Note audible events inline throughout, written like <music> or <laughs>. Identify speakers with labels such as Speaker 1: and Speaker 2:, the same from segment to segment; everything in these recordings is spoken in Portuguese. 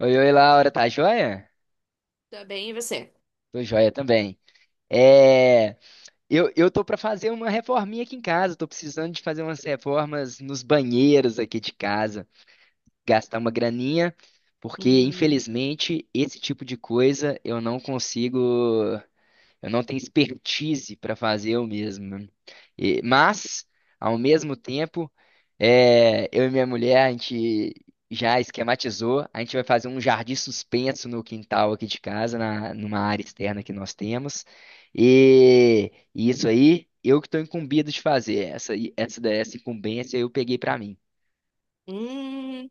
Speaker 1: Oi, oi, Laura, tá joia?
Speaker 2: Tá bem, e você?
Speaker 1: Tô joia também. É, eu tô pra fazer uma reforminha aqui em casa, tô precisando de fazer umas reformas nos banheiros aqui de casa, gastar uma graninha, porque
Speaker 2: Hum,
Speaker 1: infelizmente esse tipo de coisa eu não consigo. Eu não tenho expertise para fazer eu mesmo, né? Mas, ao mesmo tempo, eu e minha mulher, a gente já esquematizou, a gente vai fazer um jardim suspenso no quintal aqui de casa, numa área externa que nós temos. E isso aí, eu que estou incumbido de fazer. Essa, aí- essa, da- essa incumbência eu peguei para mim.
Speaker 2: hum,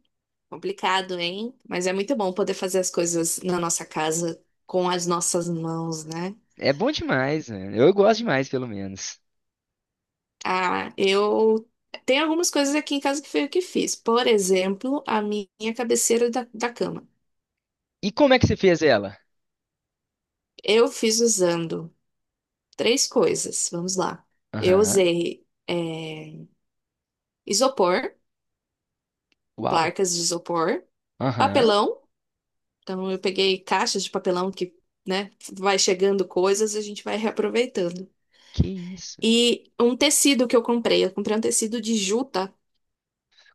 Speaker 2: complicado, hein? Mas é muito bom poder fazer as coisas na nossa casa com as nossas mãos, né?
Speaker 1: É bom demais, né? Eu gosto demais, pelo menos.
Speaker 2: Ah, eu tem algumas coisas aqui em casa que foi eu que fiz. Por exemplo, a minha cabeceira da cama.
Speaker 1: E como é que você fez ela?
Speaker 2: Eu fiz usando três coisas. Vamos lá. Eu
Speaker 1: Aham.
Speaker 2: usei isopor,
Speaker 1: Uau.
Speaker 2: placas de isopor,
Speaker 1: Aham.
Speaker 2: papelão. Então eu peguei caixas de papelão que, né, vai chegando coisas, a gente vai reaproveitando.
Speaker 1: Que isso?
Speaker 2: E um tecido que eu comprei. Eu comprei um tecido de juta.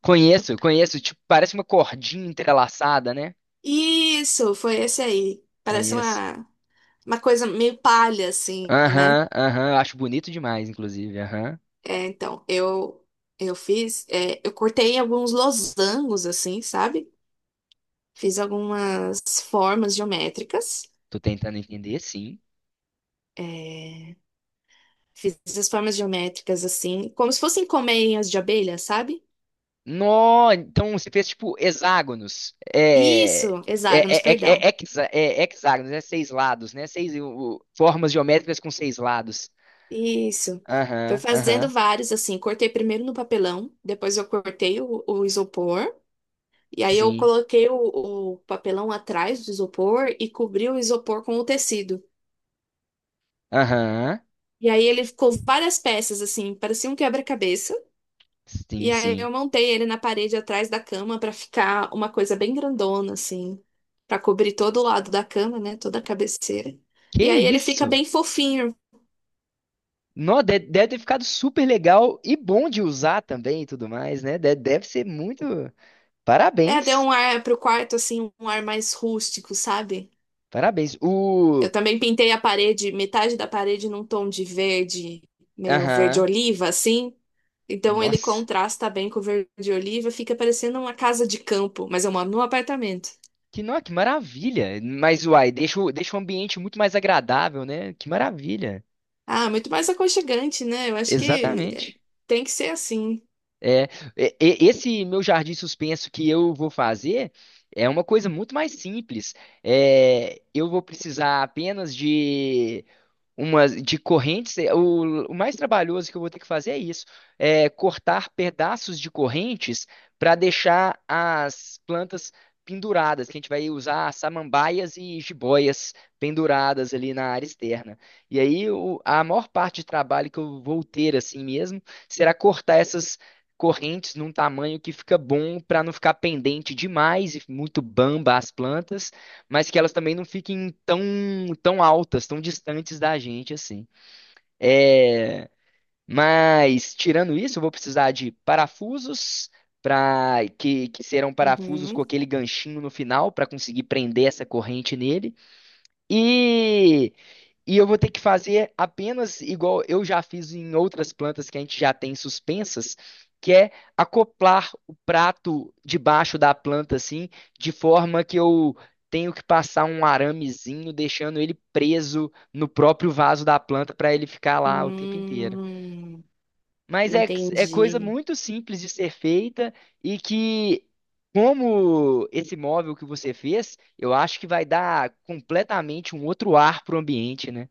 Speaker 1: Conheço, conheço. Tipo, parece uma cordinha entrelaçada, né?
Speaker 2: Isso, foi esse aí. Parece
Speaker 1: Conheço.
Speaker 2: uma coisa meio palha, assim, né?
Speaker 1: Aham, aham. Acho bonito demais, inclusive. Aham.
Speaker 2: É, então, eu fiz. Eu cortei alguns losangos, assim, sabe? Fiz algumas formas geométricas.
Speaker 1: Tô tentando entender, sim.
Speaker 2: é, Fiz as formas geométricas, assim, como se fossem colmeias de abelha, sabe?
Speaker 1: Nó, então você fez tipo hexágonos. É.
Speaker 2: Isso, hexágonos,
Speaker 1: É, é, é,
Speaker 2: perdão.
Speaker 1: é hexa- é hexágonos, é seis lados, né? Seis formas geométricas com seis lados.
Speaker 2: Isso. Fui
Speaker 1: Aham,
Speaker 2: fazendo
Speaker 1: aham,
Speaker 2: vários, assim. Cortei primeiro no papelão, depois eu cortei o isopor, e aí eu
Speaker 1: sim.
Speaker 2: coloquei o papelão atrás do isopor e cobri o isopor com o tecido.
Speaker 1: Aham,
Speaker 2: E aí ele ficou várias peças, assim, parecia um quebra-cabeça.
Speaker 1: sim,
Speaker 2: E aí
Speaker 1: sim.
Speaker 2: eu montei ele na parede atrás da cama para ficar uma coisa bem grandona, assim, para cobrir todo o lado da cama, né? Toda a cabeceira.
Speaker 1: Que
Speaker 2: E aí ele fica
Speaker 1: isso?
Speaker 2: bem fofinho.
Speaker 1: Nó, deve ter ficado super legal e bom de usar também e tudo mais, né? Deve ser muito.
Speaker 2: É, deu
Speaker 1: Parabéns,
Speaker 2: um ar pro quarto, assim, um ar mais rústico, sabe?
Speaker 1: parabéns.
Speaker 2: Eu
Speaker 1: O.
Speaker 2: também pintei a parede, metade da parede num tom de verde, meio verde
Speaker 1: Aham.
Speaker 2: oliva, assim. Então ele
Speaker 1: Nossa,
Speaker 2: contrasta bem com o verde oliva, fica parecendo uma casa de campo, mas eu moro num apartamento.
Speaker 1: que, nó, que maravilha. Mas, uai, deixa, deixa o ambiente muito mais agradável, né? Que maravilha.
Speaker 2: Ah, muito mais aconchegante, né? Eu acho que é,
Speaker 1: Exatamente.
Speaker 2: tem que ser assim.
Speaker 1: É, esse meu jardim suspenso que eu vou fazer é uma coisa muito mais simples. É, eu vou precisar apenas de umas de correntes. É, o mais trabalhoso que eu vou ter que fazer é isso: é cortar pedaços de correntes para deixar as plantas penduradas, que a gente vai usar samambaias e jiboias penduradas ali na área externa. E aí a maior parte de trabalho que eu vou ter assim mesmo será cortar essas correntes num tamanho que fica bom para não ficar pendente demais e muito bamba as plantas, mas que elas também não fiquem tão altas, tão distantes da gente assim. É, mas tirando isso, eu vou precisar de parafusos para que serão parafusos com
Speaker 2: Uhum.
Speaker 1: aquele ganchinho no final para conseguir prender essa corrente nele. E, e eu vou ter que fazer apenas igual eu já fiz em outras plantas que a gente já tem suspensas, que é acoplar o prato debaixo da planta assim, de forma que eu tenho que passar um aramezinho, deixando ele preso no próprio vaso da planta para ele ficar lá o tempo inteiro.
Speaker 2: Hum,
Speaker 1: Mas é, é coisa
Speaker 2: entendi.
Speaker 1: muito simples de ser feita e que, como esse móvel que você fez, eu acho que vai dar completamente um outro ar para o ambiente, né?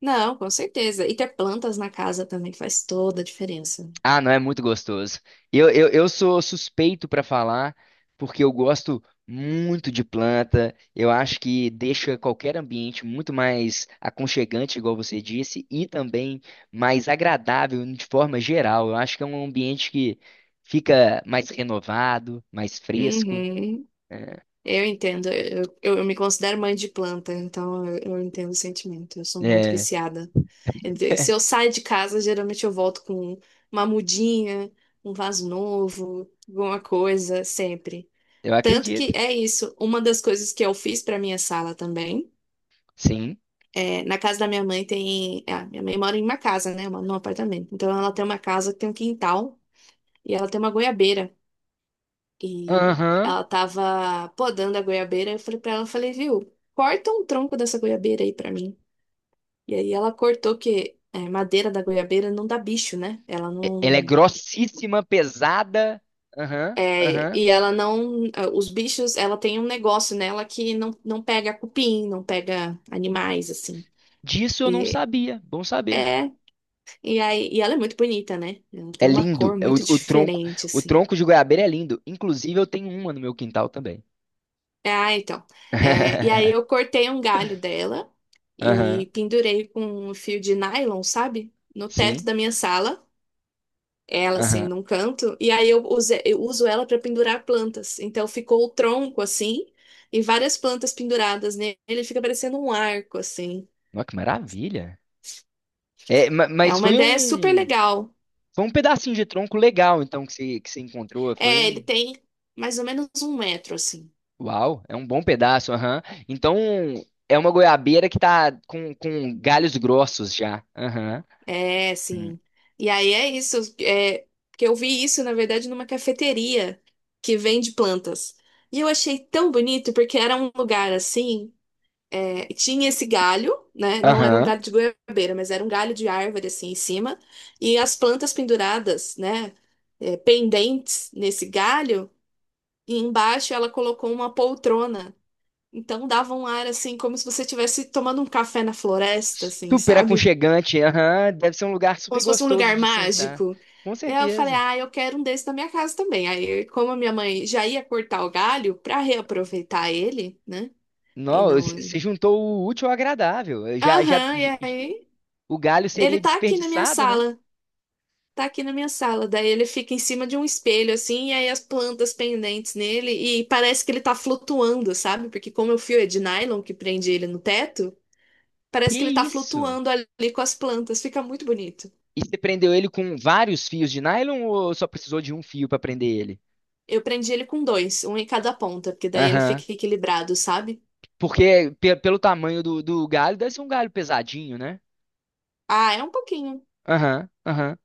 Speaker 2: Não, com certeza. E ter plantas na casa também faz toda a diferença.
Speaker 1: Ah, não, é muito gostoso. Eu sou suspeito para falar, porque eu gosto muito de planta. Eu acho que deixa qualquer ambiente muito mais aconchegante, igual você disse, e também mais agradável de forma geral. Eu acho que é um ambiente que fica mais renovado, mais fresco.
Speaker 2: Uhum.
Speaker 1: É,
Speaker 2: Eu entendo, eu me considero mãe de planta, então eu entendo o sentimento, eu sou muito
Speaker 1: é,
Speaker 2: viciada. Quer dizer, se eu saio de casa, geralmente eu volto com uma mudinha, um vaso novo, alguma coisa, sempre.
Speaker 1: eu
Speaker 2: Tanto que
Speaker 1: acredito,
Speaker 2: é isso, uma das coisas que eu fiz para minha sala também,
Speaker 1: sim.
Speaker 2: é, na casa da minha mãe tem, ah, minha mãe mora em uma casa, né, uma- num apartamento, então ela tem uma casa que tem um quintal e ela tem uma goiabeira. E
Speaker 1: Aham.
Speaker 2: ela tava podando a goiabeira. Eu falei pra ela, eu falei, viu, corta um tronco dessa goiabeira aí pra mim. E aí ela cortou que é, madeira da goiabeira não dá bicho, né? Ela
Speaker 1: Ela é
Speaker 2: não.
Speaker 1: grossíssima, pesada. Aham,
Speaker 2: É,
Speaker 1: aham.
Speaker 2: e ela não. Ah, os bichos, ela tem um negócio nela que não pega cupim, não pega animais, assim.
Speaker 1: Disso eu não
Speaker 2: E
Speaker 1: sabia. Bom saber.
Speaker 2: é. E aí, e ela é muito bonita, né? Ela
Speaker 1: É
Speaker 2: tem uma
Speaker 1: lindo.
Speaker 2: cor
Speaker 1: É
Speaker 2: muito diferente,
Speaker 1: o
Speaker 2: assim.
Speaker 1: tronco de goiabeira é lindo. Inclusive, eu tenho uma no meu quintal também.
Speaker 2: Ah, então. É, e aí eu
Speaker 1: <laughs>
Speaker 2: cortei um galho dela
Speaker 1: Aham,
Speaker 2: e pendurei com um fio de nylon, sabe? No teto
Speaker 1: sim.
Speaker 2: da minha sala. Ela, assim,
Speaker 1: Aham.
Speaker 2: num canto. E aí eu, use- eu uso ela para pendurar plantas. Então ficou o tronco, assim, e várias plantas penduradas nele. Ele fica parecendo um arco, assim.
Speaker 1: Nossa, que maravilha. É,
Speaker 2: É uma ideia super legal.
Speaker 1: foi um pedacinho de tronco legal, então, que você encontrou. Foi
Speaker 2: É,
Speaker 1: um.
Speaker 2: ele tem mais ou menos 1 metro, assim.
Speaker 1: Uau, é um bom pedaço, aham. Então, é uma goiabeira que tá com galhos grossos já. Aham.
Speaker 2: É,
Speaker 1: Hum.
Speaker 2: sim. E aí é isso, é, que eu vi isso, na verdade, numa cafeteria que vende plantas. E eu achei tão bonito, porque era um lugar assim, é, tinha esse galho, né? Não era um
Speaker 1: Aham.
Speaker 2: galho de goiabeira, mas era um galho de árvore assim em cima, e as plantas penduradas, né? É, pendentes nesse galho, e embaixo ela colocou uma poltrona. Então dava um ar assim, como se você estivesse tomando um café na floresta, assim,
Speaker 1: Super
Speaker 2: sabe?
Speaker 1: aconchegante, aham. Deve ser um lugar
Speaker 2: Como
Speaker 1: super
Speaker 2: se fosse um
Speaker 1: gostoso
Speaker 2: lugar
Speaker 1: de sentar.
Speaker 2: mágico.
Speaker 1: Com
Speaker 2: Eu falei,
Speaker 1: certeza.
Speaker 2: ah, eu quero um desse na minha casa também. Aí, como a minha mãe já ia cortar o galho para reaproveitar ele, né? E
Speaker 1: Não,
Speaker 2: não.
Speaker 1: você juntou o útil ao agradável. Eu
Speaker 2: Aham, e aí
Speaker 1: o galho
Speaker 2: ele
Speaker 1: seria
Speaker 2: tá aqui na minha
Speaker 1: desperdiçado, né?
Speaker 2: sala. Tá aqui na minha sala. Daí ele fica em cima de um espelho, assim, e aí as plantas pendentes nele. E parece que ele tá flutuando, sabe? Porque como é o fio é de nylon que prende ele no teto,
Speaker 1: Que
Speaker 2: parece que ele tá
Speaker 1: isso?
Speaker 2: flutuando ali com as plantas. Fica muito bonito.
Speaker 1: E você prendeu ele com vários fios de nylon ou só precisou de um fio para prender ele?
Speaker 2: Eu prendi ele com dois, um em cada ponta, porque daí ele
Speaker 1: Aham.
Speaker 2: fica equilibrado, sabe?
Speaker 1: Porque pelo tamanho do galho, deve ser um galho pesadinho, né?
Speaker 2: Ah, é um pouquinho.
Speaker 1: Aham, aham.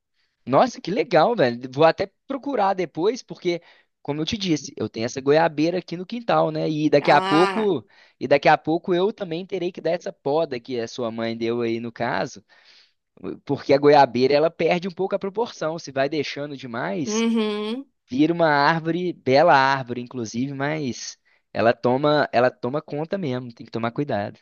Speaker 1: Nossa, que legal, velho. Vou até procurar depois, porque, como eu te disse, eu tenho essa goiabeira aqui no quintal, né? E daqui a
Speaker 2: Ah,
Speaker 1: pouco, e daqui a pouco eu também terei que dar essa poda que a sua mãe deu aí no caso. Porque a goiabeira ela perde um pouco a proporção. Se vai deixando demais,
Speaker 2: uhum.
Speaker 1: vira uma árvore, bela árvore, inclusive, mas ela toma conta mesmo, tem que tomar cuidado.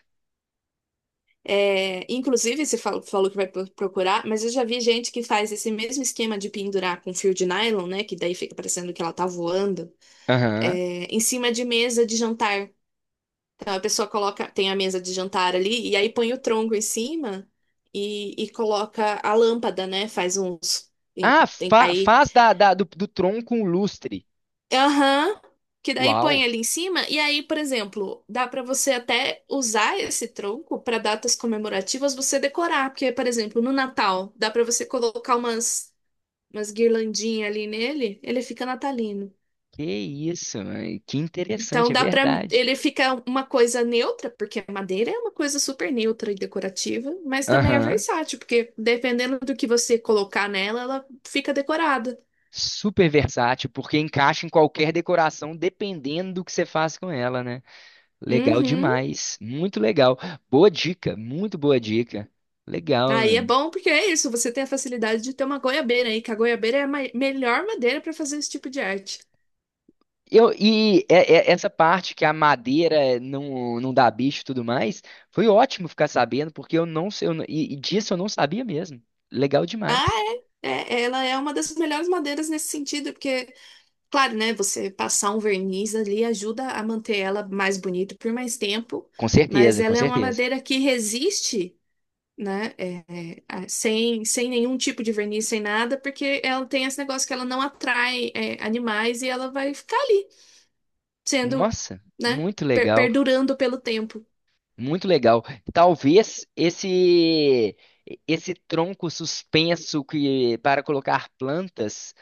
Speaker 2: É, inclusive, você fal- falou que vai pro- procurar, mas eu já vi gente que faz esse mesmo esquema de pendurar com fio de nylon, né? Que daí fica parecendo que ela tá voando,
Speaker 1: Aham.
Speaker 2: é, em cima de mesa de jantar. Então a pessoa coloca, tem a mesa de jantar ali, e aí põe o tronco em cima e coloca a lâmpada, né? Faz uns. E
Speaker 1: Ah,
Speaker 2: tem- aí
Speaker 1: faz do tronco um lustre.
Speaker 2: aham. Que daí
Speaker 1: Uau,
Speaker 2: põe ali em cima, e aí, por exemplo, dá pra você até usar esse tronco pra datas comemorativas você decorar, porque, por exemplo, no Natal, dá pra você colocar umas umas guirlandinhas ali nele, ele fica natalino.
Speaker 1: que isso, mãe, que interessante,
Speaker 2: Então
Speaker 1: é
Speaker 2: dá pra.
Speaker 1: verdade.
Speaker 2: Ele fica uma coisa neutra, porque a madeira é uma coisa super neutra e decorativa, mas também é
Speaker 1: Aham.
Speaker 2: versátil, porque dependendo do que você colocar nela, ela fica decorada.
Speaker 1: Super versátil, porque encaixa em qualquer decoração, dependendo do que você faz com ela, né? Legal
Speaker 2: Uhum.
Speaker 1: demais, muito legal. Boa dica, muito boa dica. Legal,
Speaker 2: Aí é
Speaker 1: mano.
Speaker 2: bom porque é isso, você tem a facilidade de ter uma goiabeira aí, que a goiabeira é a ma- melhor madeira para fazer esse tipo de arte.
Speaker 1: Eu, essa parte que a madeira não dá bicho e tudo mais, foi ótimo ficar sabendo, porque eu não sei, eu não- e disso eu não sabia mesmo. Legal demais.
Speaker 2: Ah, ela é uma das melhores madeiras nesse sentido, porque, claro, né, você passar um verniz ali ajuda a manter ela mais bonita por mais tempo,
Speaker 1: Com
Speaker 2: mas
Speaker 1: certeza, com
Speaker 2: ela é uma
Speaker 1: certeza.
Speaker 2: madeira que resiste, né, a- sem nenhum tipo de verniz, sem nada, porque ela tem esse negócio que ela não atrai, é, animais e ela vai ficar ali, sendo,
Speaker 1: Nossa,
Speaker 2: né,
Speaker 1: muito
Speaker 2: per-
Speaker 1: legal,
Speaker 2: perdurando pelo tempo.
Speaker 1: muito legal. Talvez esse tronco suspenso que para colocar plantas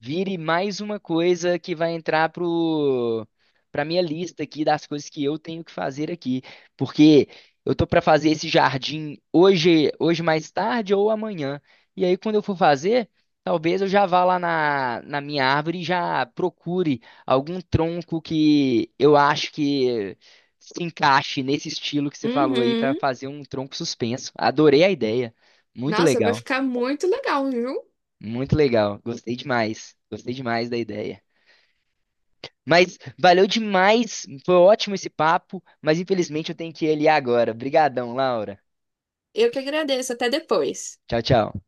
Speaker 1: vire mais uma coisa que vai entrar pro para minha lista aqui das coisas que eu tenho que fazer aqui, porque eu tô para fazer esse jardim hoje, hoje mais tarde ou amanhã. E aí quando eu for fazer, talvez eu já vá lá na minha árvore e já procure algum tronco que eu acho que se encaixe nesse estilo que você falou aí para
Speaker 2: Uhum.
Speaker 1: fazer um tronco suspenso. Adorei a ideia. Muito
Speaker 2: Nossa, vai
Speaker 1: legal.
Speaker 2: ficar muito legal, viu?
Speaker 1: Muito legal. Gostei demais. Gostei demais da ideia. Mas valeu demais, foi ótimo esse papo, mas infelizmente eu tenho que ir ali agora. Obrigadão, Laura.
Speaker 2: Eu que agradeço. Até depois.
Speaker 1: Tchau, tchau.